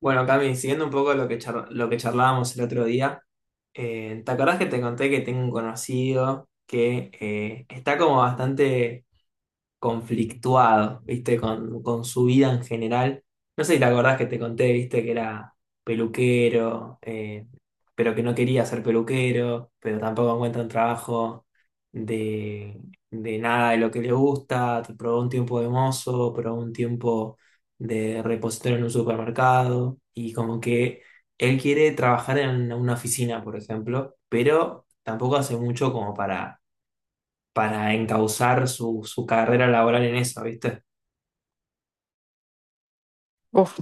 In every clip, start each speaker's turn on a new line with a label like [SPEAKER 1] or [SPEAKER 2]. [SPEAKER 1] Bueno, Cami, siguiendo un poco lo que charlábamos el otro día, ¿te acordás que te conté que tengo un conocido que está como bastante conflictuado, ¿viste? Con su vida en general. No sé si te acordás que te conté, ¿viste? Que era peluquero, pero que no quería ser peluquero, pero tampoco encuentra un trabajo de, de nada de lo que le gusta. Probó un tiempo de mozo, probó un tiempo de repositorio en un supermercado y como que él quiere trabajar en una oficina, por ejemplo, pero tampoco hace mucho como para encauzar su carrera laboral en eso, ¿viste?
[SPEAKER 2] Uf,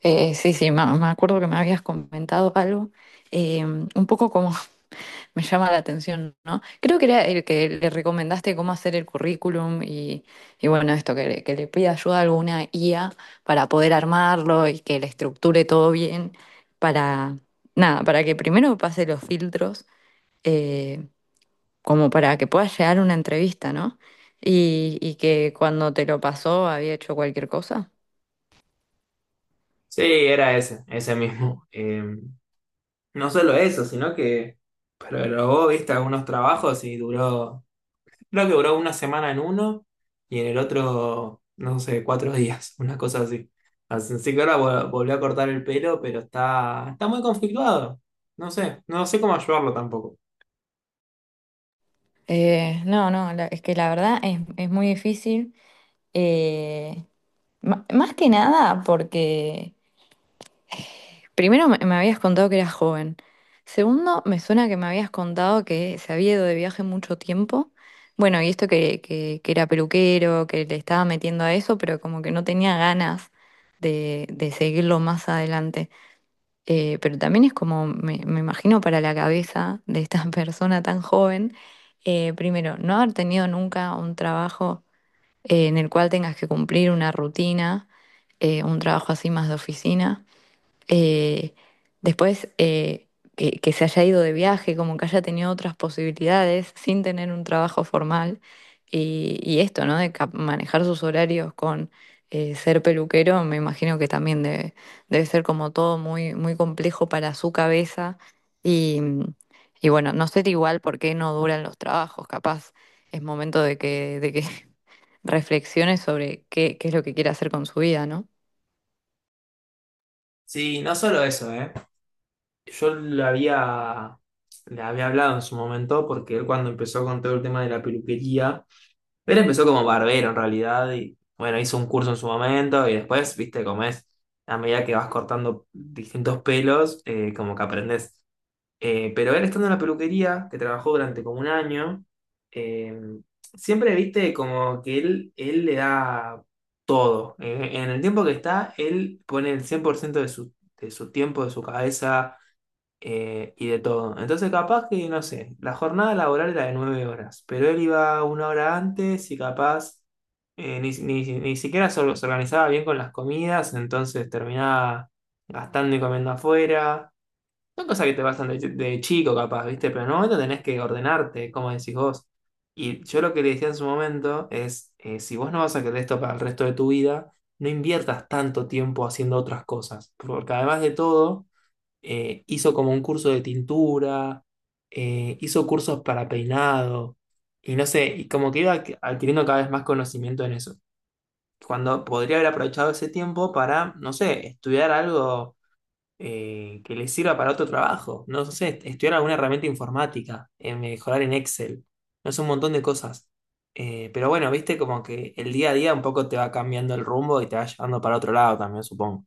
[SPEAKER 2] sí, sí, me acuerdo que me habías comentado algo. Un poco como me llama la atención, ¿no? Creo que era el que le recomendaste cómo hacer el currículum. Y bueno, esto, que le pida ayuda a alguna IA para poder armarlo y que le estructure todo bien, para, nada, para que primero pase los filtros, eh, como para que pueda llegar a una entrevista, ¿no? Y que cuando te lo pasó había hecho cualquier cosa.
[SPEAKER 1] Sí, era ese, ese mismo. No solo eso, sino que probó, ¿viste? Algunos trabajos y duró, creo que duró una semana en uno y en el otro, no sé, cuatro días, una cosa así. Así así que ahora volvió a cortar el pelo, pero está muy conflictuado. No sé, no sé cómo ayudarlo tampoco.
[SPEAKER 2] No, no, es que la verdad es muy difícil. eh, Más que nada porque, primero, me habías contado que eras joven. Segundo, me suena que me habías contado que se había ido de viaje mucho tiempo. Bueno, y esto que era peluquero, que le estaba metiendo a eso, pero como que no tenía ganas de seguirlo más adelante. Pero también es como, me imagino para la cabeza de esta persona tan joven. Primero, no haber tenido nunca un trabajo en el cual tengas que cumplir una rutina, un trabajo así más de oficina. Eh, Después, que se haya ido de viaje, como que haya tenido otras posibilidades sin tener un trabajo formal. Y esto, ¿no? De manejar sus horarios con ser peluquero. Me imagino que también debe ser como todo muy, muy complejo para su cabeza. Y, y bueno, no sé igual por qué no duran los trabajos. Capaz es momento de que reflexione sobre qué es lo que quiere hacer con su vida, ¿no?
[SPEAKER 1] Sí, no solo eso, ¿eh? Yo le había hablado en su momento porque él cuando empezó con todo el tema de la peluquería, él empezó como barbero en realidad y bueno, hizo un curso en su momento y después, viste, como es, a medida que vas cortando distintos pelos, como que aprendes. Pero él estando en la peluquería, que trabajó durante como un año, eh, siempre, viste, como que él le da todo. En el tiempo que está, él pone el 100% de su tiempo, de su cabeza y de todo. Entonces, capaz que, no sé, la jornada laboral era de 9 horas, pero él iba una hora antes y capaz ni siquiera se organizaba bien con las comidas, entonces terminaba gastando y comiendo afuera. Son cosas que te pasan de chico, capaz, ¿viste? Pero en un momento tenés que ordenarte, como decís vos. Y yo lo que le decía en su momento es, si vos no vas a querer esto para el resto de tu vida, no inviertas tanto tiempo haciendo otras cosas, porque además de todo hizo como un curso de tintura, hizo cursos para peinado, y no sé, y como que iba adquiriendo cada vez más conocimiento en eso. Cuando podría haber aprovechado ese tiempo para, no sé, estudiar algo que le sirva para otro trabajo, no sé, estudiar alguna herramienta informática, mejorar en Excel, no sé, un montón de cosas. Pero bueno, viste como que el día a día un poco te va cambiando el rumbo y te va llevando para otro lado también, supongo.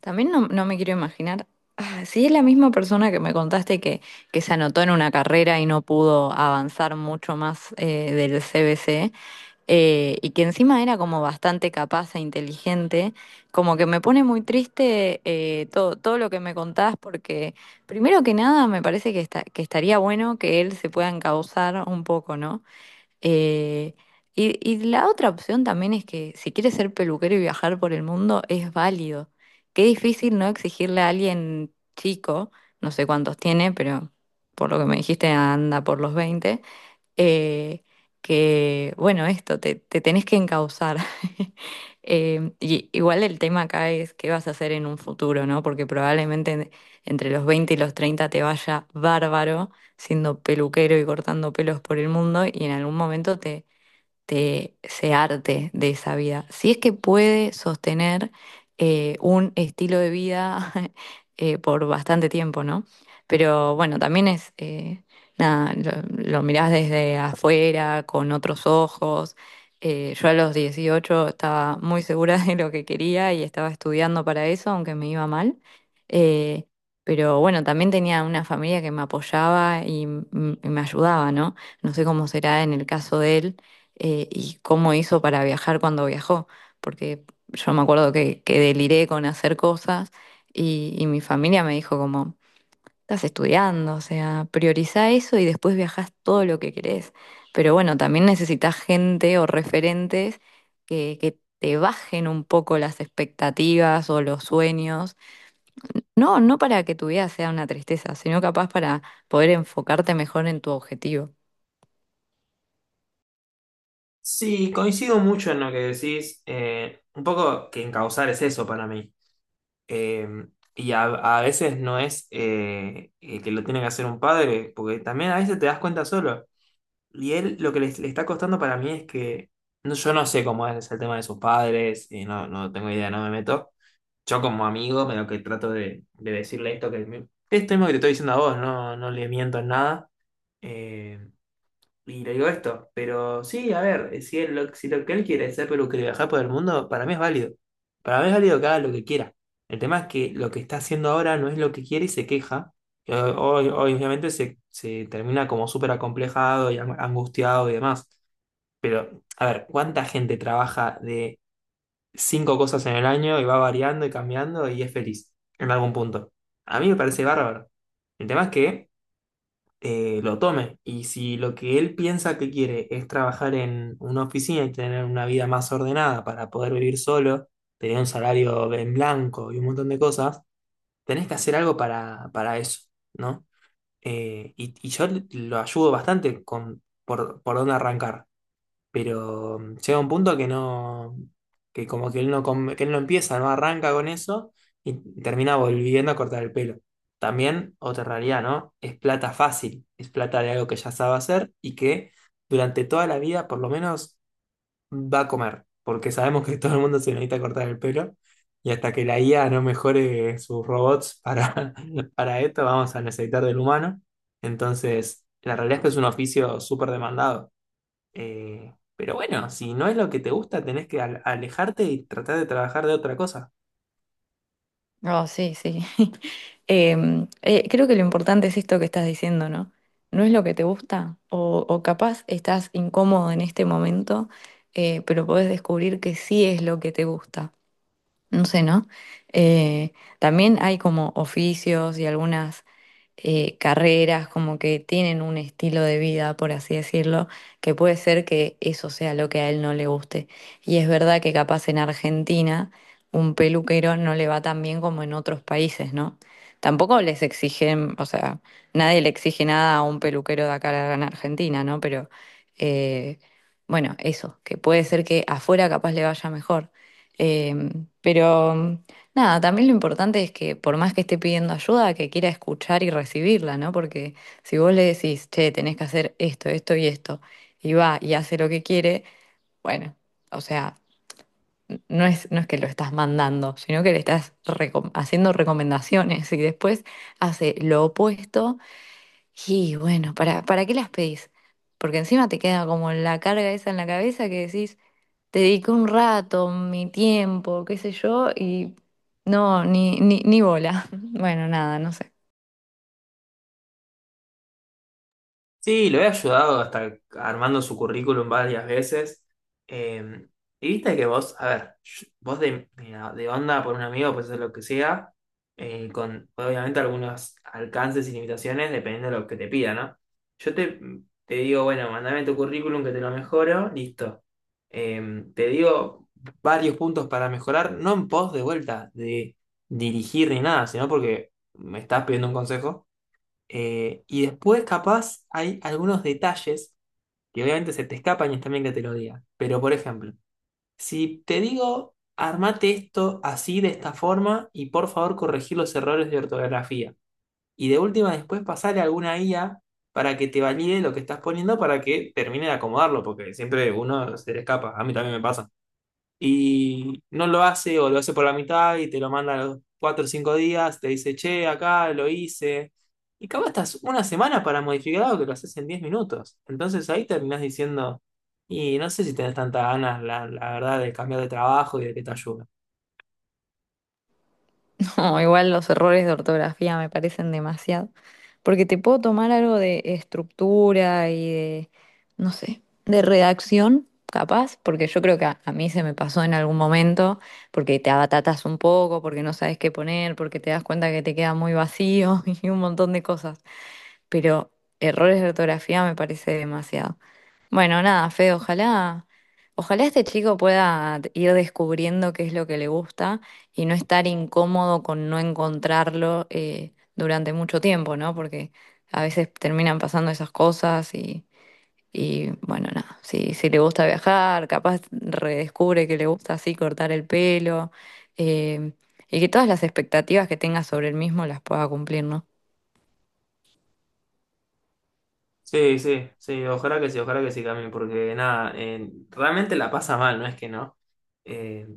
[SPEAKER 2] También no me quiero imaginar, ah, si es la misma persona que me contaste que se anotó en una carrera y no pudo avanzar mucho más del CBC, y que encima era como bastante capaz e inteligente. Como que me pone muy triste todo lo que me contás, porque primero que nada me parece que, que estaría bueno que él se pueda encauzar un poco, ¿no? Eh, y la otra opción también es que si quieres ser peluquero y viajar por el mundo, es válido. Qué difícil no exigirle a alguien chico. No sé cuántos tiene, pero por lo que me dijiste anda por los veinte, eh, que, bueno, esto, te tenés que encauzar. Y igual el tema acá es qué vas a hacer en un futuro, ¿no? Porque probablemente entre los 20 y los 30 te vaya bárbaro siendo peluquero y cortando pelos por el mundo, y en algún momento de ese arte, de esa vida. Si es que puede sostener un estilo de vida por bastante tiempo, ¿no? Pero bueno, también es, nada, lo mirás desde afuera, con otros ojos. Yo a los 18 estaba muy segura de lo que quería y estaba estudiando para eso, aunque me iba mal. Eh, pero bueno, también tenía una familia que me apoyaba y me ayudaba, ¿no? No sé cómo será en el caso de él, y cómo hizo para viajar cuando viajó, porque yo me acuerdo que deliré con hacer cosas, y mi familia me dijo como: estás estudiando, o sea, priorizá eso y después viajás todo lo que querés. Pero bueno, también necesitas gente o referentes que te bajen un poco las expectativas o los sueños. No, no para que tu vida sea una tristeza, sino capaz para poder enfocarte mejor en tu objetivo.
[SPEAKER 1] Sí, coincido mucho en lo que decís. Un poco que encauzar es eso para mí. Eh, y a veces no es que lo tiene que hacer un padre, porque también a veces te das cuenta solo. Y él lo que le está costando para mí es que no, yo no sé cómo es el tema de sus padres, y no, no tengo idea, no me meto. Yo como amigo me lo que trato de decirle esto esto mismo que te estoy diciendo a vos, no, no le miento en nada. eh, y le digo esto, pero sí, a ver, si lo que él quiere es ser peluquero y viajar por el mundo, para mí es válido. Para mí es válido que haga lo que quiera. El tema es que lo que está haciendo ahora no es lo que quiere y se queja. Y obviamente se termina como súper acomplejado y angustiado y demás. Pero, a ver, ¿cuánta gente trabaja de cinco cosas en el año y va variando y cambiando y es feliz en algún punto? A mí me parece bárbaro. El tema es que lo tome. Y si lo que él piensa que quiere es trabajar en una oficina y tener una vida más ordenada para poder vivir solo, tener un salario en blanco y un montón de cosas, tenés que hacer algo para eso, ¿no? Y yo lo ayudo bastante con por dónde arrancar pero llega un punto que no, que como que él no, que él no empieza, no arranca con eso y termina volviendo a cortar el pelo. También, otra realidad, ¿no? Es plata fácil, es plata de algo que ya sabe hacer y que durante toda la vida por lo menos va a comer, porque sabemos que todo el mundo se necesita cortar el pelo y hasta que la IA no mejore sus robots para, para esto vamos a necesitar del humano. Entonces, la realidad es que es un oficio súper demandado. Pero bueno, si no es lo que te gusta, tenés que alejarte y tratar de trabajar de otra cosa.
[SPEAKER 2] Oh, sí, sí. Creo que lo importante es esto que estás diciendo, ¿no? No es lo que te gusta, o capaz estás incómodo en este momento. Pero podés descubrir que sí es lo que te gusta. No sé, ¿no? Eh, También hay como oficios y algunas carreras, como que tienen un estilo de vida, por así decirlo, que puede ser que eso sea lo que a él no le guste. Y es verdad que capaz en Argentina un peluquero no le va tan bien como en otros países, ¿no? Tampoco les exigen, o sea, nadie le exige nada a un peluquero de acá en Argentina, ¿no? Pero eh, bueno, eso, que puede ser que afuera capaz le vaya mejor. Eh, pero Nada, también lo importante es que por más que esté pidiendo ayuda, que quiera escuchar y recibirla, ¿no? Porque si vos le decís: che, tenés que hacer esto, esto y esto, y va y hace lo que quiere. Bueno, o sea, no es que lo estás mandando, sino que le estás haciendo recomendaciones, y después hace lo opuesto. Y bueno, ¿para qué las pedís? Porque encima te queda como la carga esa en la cabeza, que decís: dediqué un rato, mi tiempo, qué sé yo, y no, ni bola. Bueno, nada, no sé.
[SPEAKER 1] Sí, lo he ayudado hasta armando su currículum varias veces. Eh, y viste que vos, a ver, vos de, mira, de onda por un amigo, pues es lo que sea, con obviamente algunos alcances y limitaciones dependiendo de lo que te pida, ¿no? Yo te digo, bueno, mandame tu currículum que te lo mejoro, listo. Te digo varios puntos para mejorar, no en pos de vuelta, de dirigir ni nada, sino porque me estás pidiendo un consejo. Y después, capaz, hay algunos detalles que obviamente se te escapan y está bien que te lo diga. Pero, por ejemplo, si te digo, armate esto así, de esta forma, y por favor corregir los errores de ortografía. Y de última, después pasarle a alguna IA para que te valide lo que estás poniendo para que termine de acomodarlo, porque siempre uno se le escapa. A mí también me pasa y no lo hace o lo hace por la mitad y te lo manda a los 4 o 5 días, te dice, che, acá lo hice. Y capaz estás una semana para modificar algo que lo haces en 10 minutos. Entonces ahí terminás diciendo, y no sé si tenés tantas ganas, la verdad, de cambiar de trabajo y de que te ayude.
[SPEAKER 2] No, igual los errores de ortografía me parecen demasiado. Porque te puedo tomar algo de estructura y de, no sé, de redacción, capaz, porque yo creo que a mí se me pasó en algún momento, porque te abatatas un poco, porque no sabes qué poner, porque te das cuenta que te queda muy vacío y un montón de cosas. Pero errores de ortografía me parece demasiado. Bueno, nada, Fe, ojalá, ojalá este chico pueda ir descubriendo qué es lo que le gusta y no estar incómodo con no encontrarlo durante mucho tiempo, ¿no? Porque a veces terminan pasando esas cosas. Y bueno, nada, si le gusta viajar, capaz redescubre que le gusta así cortar el pelo. eh, y que todas las expectativas que tenga sobre él mismo las pueda cumplir, ¿no?
[SPEAKER 1] Sí, sí, sí, ojalá que sí, ojalá que sí también, porque nada, realmente la pasa mal, no es que no. Eh,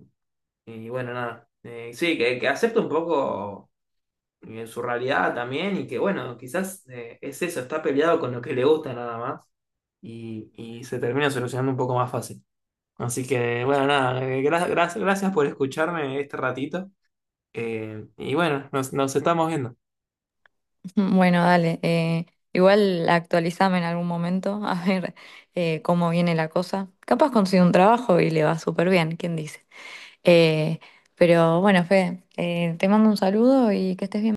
[SPEAKER 1] y bueno, nada. Sí, que acepto un poco en su realidad también, y que bueno, quizás es eso, está peleado con lo que le gusta nada más, y se termina solucionando un poco más fácil. Así que bueno, nada, gracias por escucharme este ratito, y bueno, nos estamos viendo.
[SPEAKER 2] Mm. Bueno, dale. Igual actualizame en algún momento a ver cómo viene la cosa. Capaz consigo un trabajo y le va súper bien, ¿quién dice? Eh, pero bueno, Fe, te mando un saludo y que estés bien.